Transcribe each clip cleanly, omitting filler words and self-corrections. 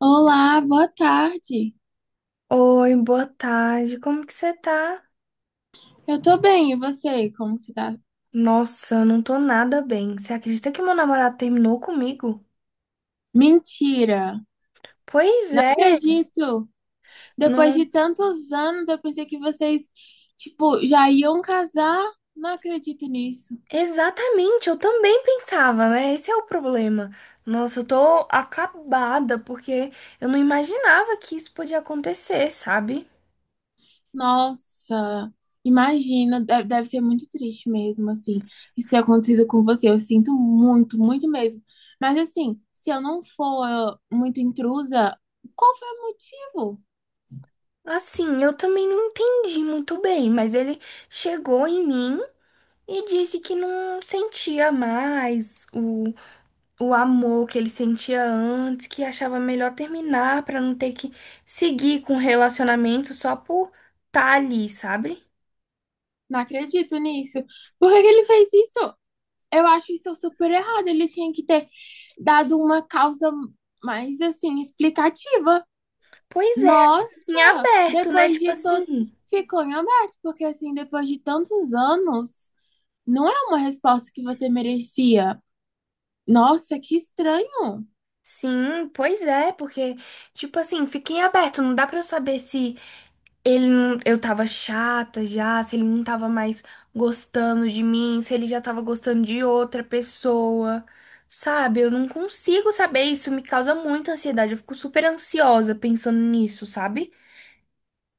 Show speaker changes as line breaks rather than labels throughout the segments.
Olá, boa tarde.
Oi, boa tarde. Como que você tá?
Eu tô bem, e você? Como que você tá?
Nossa, eu não tô nada bem. Você acredita que meu namorado terminou comigo?
Mentira!
Pois
Não
é,
acredito! Depois de
não...
tantos anos, eu pensei que vocês, tipo, já iam casar. Não acredito nisso.
Exatamente, eu também pensava, né? Esse é o problema. Nossa, eu tô acabada porque eu não imaginava que isso podia acontecer, sabe?
Nossa, imagina, deve ser muito triste mesmo, assim, isso ter acontecido com você. Eu sinto muito, muito mesmo. Mas assim, se eu não for muito intrusa, qual foi o motivo?
Assim, eu também não entendi muito bem, mas ele chegou em mim e disse que não sentia mais o amor que ele sentia antes, que achava melhor terminar pra não ter que seguir com o relacionamento só por tá ali, sabe?
Não acredito nisso. Por que que ele fez isso? Eu acho isso super errado. Ele tinha que ter dado uma causa mais assim explicativa.
Pois é, em
Nossa,
aberto, né?
depois
Tipo
de todo
assim.
ficou em aberto, porque assim, depois de tantos anos, não é uma resposta que você merecia. Nossa, que estranho.
Sim, pois é, porque, tipo assim, fica em aberto, não dá pra eu saber se ele não, eu tava chata já, se ele não tava mais gostando de mim, se ele já tava gostando de outra pessoa, sabe? Eu não consigo saber, isso me causa muita ansiedade, eu fico super ansiosa pensando nisso, sabe?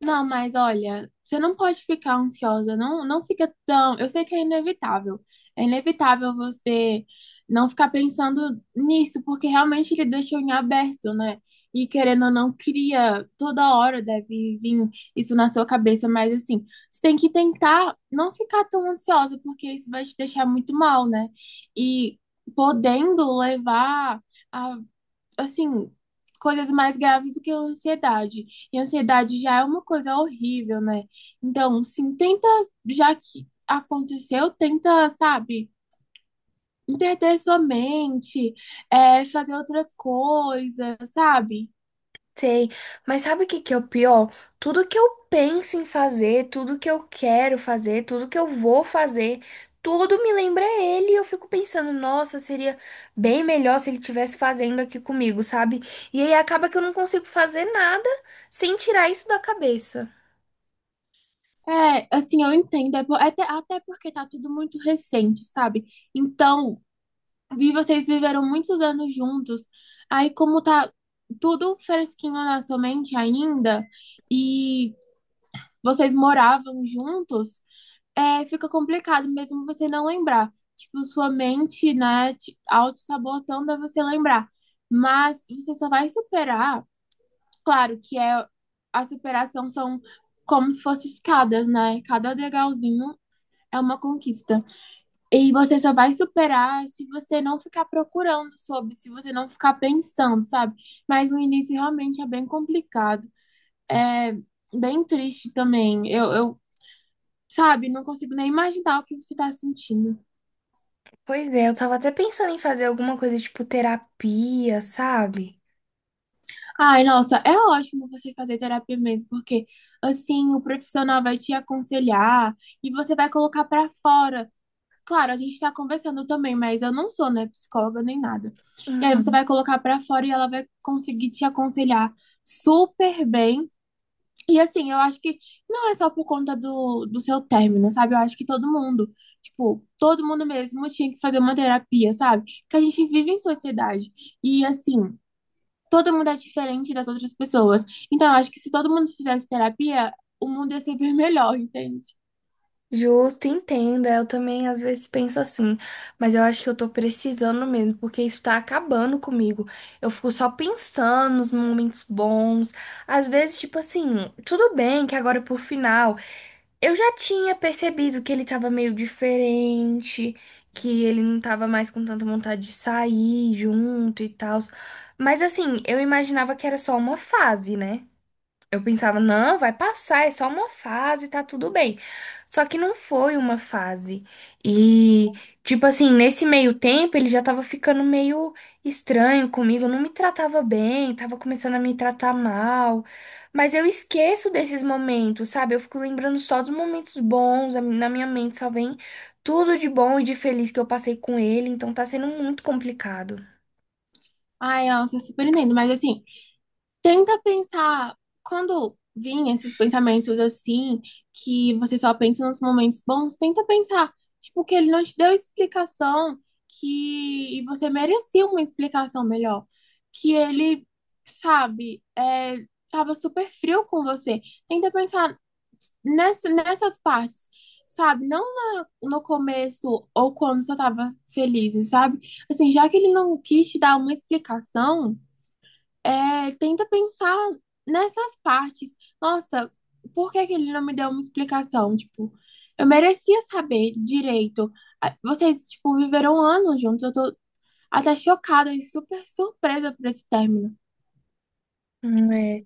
Não, mas olha, você não pode ficar ansiosa, não, não fica tão. Eu sei que é inevitável. É inevitável você não ficar pensando nisso, porque realmente ele deixou em aberto, né? E querendo ou não, cria, toda hora deve vir isso na sua cabeça, mas assim, você tem que tentar não ficar tão ansiosa, porque isso vai te deixar muito mal, né? E podendo levar a, assim, coisas mais graves do que a ansiedade. E a ansiedade já é uma coisa horrível, né? Então, sim, tenta, já que aconteceu, tenta, sabe, interter sua mente, é, fazer outras coisas, sabe?
Sei, mas sabe o que que é o pior? Tudo que eu penso em fazer, tudo que eu quero fazer, tudo que eu vou fazer, tudo me lembra ele e eu fico pensando, nossa, seria bem melhor se ele estivesse fazendo aqui comigo, sabe? E aí acaba que eu não consigo fazer nada sem tirar isso da cabeça.
É, assim, eu entendo, é até, até porque tá tudo muito recente, sabe? Então, vi vocês viveram muitos anos juntos, aí como tá tudo fresquinho na sua mente ainda, e vocês moravam juntos, é, fica complicado mesmo você não lembrar. Tipo, sua mente, né, te auto-sabotando a você lembrar. Mas você só vai superar, claro que é a superação são como se fossem escadas, né? Cada degrauzinho é uma conquista. E você só vai superar se você não ficar procurando sobre, se você não ficar pensando, sabe? Mas no início realmente é bem complicado. É bem triste também. Eu, sabe, não consigo nem imaginar o que você tá sentindo.
Pois é, eu tava até pensando em fazer alguma coisa tipo terapia, sabe?
Ai, nossa, é ótimo você fazer terapia mesmo, porque assim o profissional vai te aconselhar e você vai colocar pra fora. Claro, a gente tá conversando também, mas eu não sou, né, psicóloga nem nada. E aí você vai
Uhum.
colocar pra fora e ela vai conseguir te aconselhar super bem. E assim, eu acho que não é só por conta do seu término, sabe? Eu acho que todo mundo, tipo, todo mundo mesmo tinha que fazer uma terapia, sabe? Porque a gente vive em sociedade. E assim, todo mundo é diferente das outras pessoas. Então, eu acho que se todo mundo fizesse terapia, o mundo ia ser bem melhor, entende?
Justo, entendo. É, eu também às vezes penso assim, mas eu acho que eu tô precisando mesmo, porque isso tá acabando comigo. Eu fico só pensando nos momentos bons. Às vezes, tipo assim, tudo bem que agora por final eu já tinha percebido que ele tava meio diferente, que ele não tava mais com tanta vontade de sair junto e tal. Mas assim, eu imaginava que era só uma fase, né? Eu pensava, não, vai passar, é só uma fase, tá tudo bem. Só que não foi uma fase. E, tipo assim, nesse meio tempo ele já tava ficando meio estranho comigo, não me tratava bem, tava começando a me tratar mal. Mas eu esqueço desses momentos, sabe? Eu fico lembrando só dos momentos bons, a- na minha mente só vem tudo de bom e de feliz que eu passei com ele, então tá sendo muito complicado.
Ai, eu, você super entendo. Mas assim, tenta pensar, quando vêm esses pensamentos assim, que você só pensa nos momentos bons, tenta pensar, tipo, que ele não te deu explicação, que e você merecia uma explicação melhor, que ele, sabe, é, tava super frio com você. Tenta pensar nessas partes, sabe? Não no começo ou quando só tava feliz, sabe? Assim, já que ele não quis te dar uma explicação, é, tenta pensar nessas partes. Nossa, por que que ele não me deu uma explicação? Tipo, eu merecia saber direito. Ah, vocês, tipo, viveram anos juntos. Eu tô até chocada e super surpresa por esse término.
É.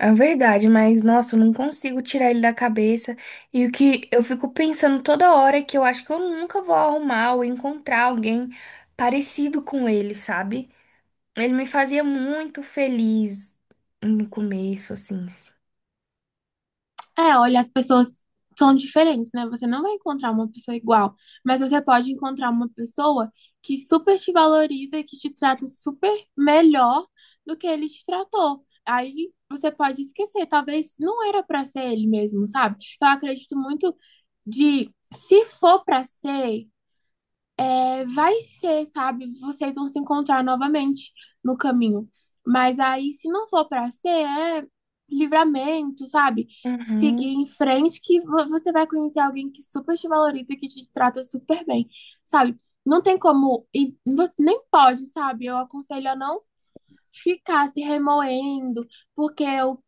É verdade, mas nossa, eu não consigo tirar ele da cabeça. E o que eu fico pensando toda hora é que eu acho que eu nunca vou arrumar ou encontrar alguém parecido com ele, sabe? Ele me fazia muito feliz no começo, assim.
É, olha, as pessoas são diferentes, né? Você não vai encontrar uma pessoa igual, mas você pode encontrar uma pessoa que super te valoriza e que te trata super melhor do que ele te tratou. Aí você pode esquecer, talvez não era pra ser ele mesmo, sabe? Eu acredito muito de se for pra ser, é, vai ser, sabe? Vocês vão se encontrar novamente no caminho. Mas aí, se não for pra ser, é livramento, sabe? Seguir
Uhum,
em frente, que você vai conhecer alguém que super te valoriza e que te trata super bem, sabe? Não tem como, e você nem pode, sabe? Eu aconselho a não ficar se remoendo, porque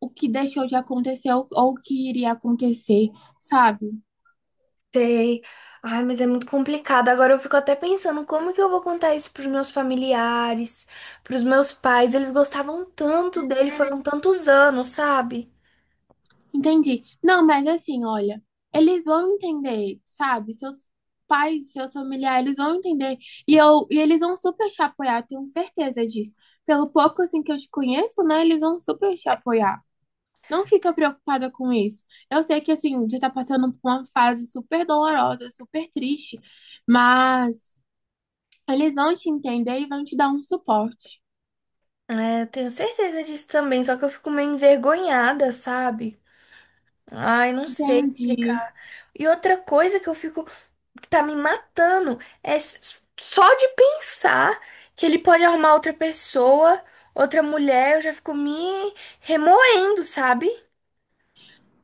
o que deixou de acontecer ou o que iria acontecer, sabe?
sei. Ai, mas é muito complicado. Agora eu fico até pensando como que eu vou contar isso pros meus familiares, pros meus pais. Eles gostavam tanto dele, foram tantos anos, sabe?
Entendi. Não, mas assim, olha, eles vão entender, sabe? Seus pais, seus familiares eles vão entender. E eles vão super te apoiar, tenho certeza disso. Pelo pouco assim que eu te conheço, né? Eles vão super te apoiar. Não fica preocupada com isso. Eu sei que assim, já tá passando por uma fase super dolorosa, super triste, mas eles vão te entender e vão te dar um suporte.
É, eu tenho certeza disso também, só que eu fico meio envergonhada, sabe? Ai, não sei
Entendi.
explicar. E outra coisa que eu fico, que tá me matando, é s- só de pensar que ele pode arrumar outra pessoa, outra mulher, eu já fico me remoendo, sabe?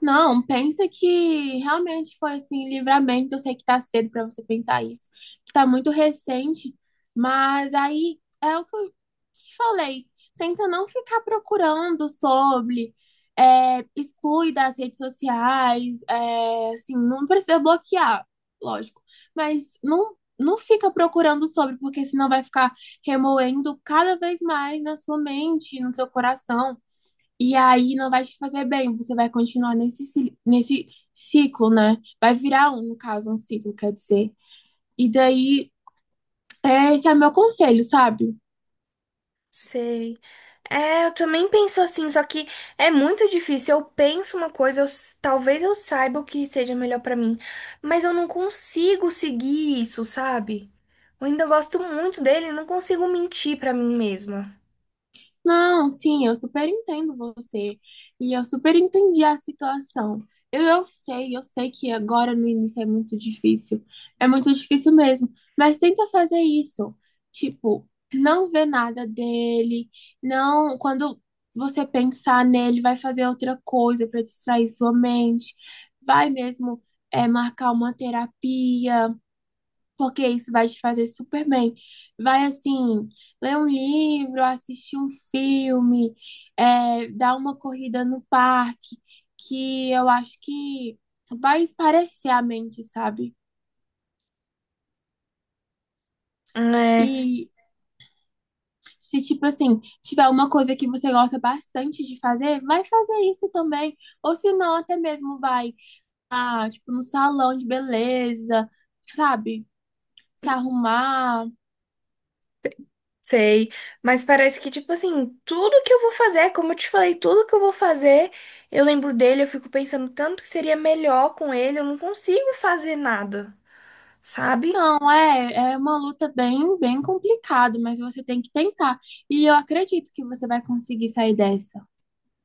Não, pensa que realmente foi assim, livramento. Eu sei que tá cedo pra você pensar isso, que tá muito recente, mas aí é o que eu te falei. Tenta não ficar procurando sobre, é, exclui das redes sociais, é, assim, não precisa bloquear, lógico, mas não, não fica procurando sobre, porque senão vai ficar remoendo cada vez mais na sua mente, no seu coração. E aí não vai te fazer bem, você vai continuar nesse, nesse ciclo, né? Vai virar um, no caso, um ciclo, quer dizer. E daí, é, esse é meu conselho, sabe?
Sei. É, eu também penso assim, só que é muito difícil. Eu penso uma coisa, eu s- talvez eu saiba o que seja melhor pra mim, mas eu não consigo seguir isso, sabe? Eu ainda gosto muito dele, não consigo mentir pra mim mesma.
Não, sim, eu super entendo você e eu super entendi a situação. Eu sei, eu sei que agora no início é muito difícil mesmo, mas tenta fazer isso. Tipo, não ver nada dele, não, quando você pensar nele, vai fazer outra coisa para distrair sua mente, vai mesmo é, marcar uma terapia, porque isso vai te fazer super bem. Vai, assim, ler um livro, assistir um filme, é, dar uma corrida no parque, que eu acho que vai esparecer a mente, sabe?
É,
E se, tipo assim, tiver uma coisa que você gosta bastante de fazer, vai fazer isso também. Ou se não, até mesmo vai, ah, tipo, no salão de beleza, sabe? Se arrumar.
sei. Mas parece que, tipo assim, tudo que eu vou fazer, como eu te falei, tudo que eu vou fazer, eu lembro dele, eu fico pensando tanto que seria melhor com ele, eu não consigo fazer nada, sabe?
Não, é, é uma luta bem, bem complicada, mas você tem que tentar. E eu acredito que você vai conseguir sair dessa.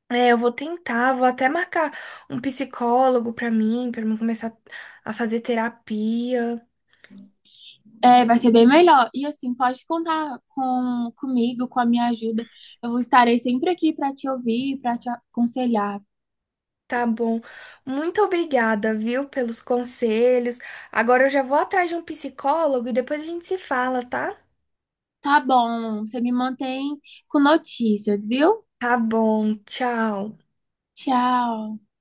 É, eu vou tentar, vou até marcar um psicólogo pra mim começar a fazer terapia.
É, vai ser bem melhor. E assim, pode contar comigo, com a minha ajuda. Eu estarei sempre aqui para te ouvir, para te aconselhar.
Tá bom. Muito obrigada, viu, pelos conselhos. Agora eu já vou atrás de um psicólogo e depois a gente se fala, tá?
Tá bom, você me mantém com notícias, viu?
Tá bom. Tchau.
Tchau.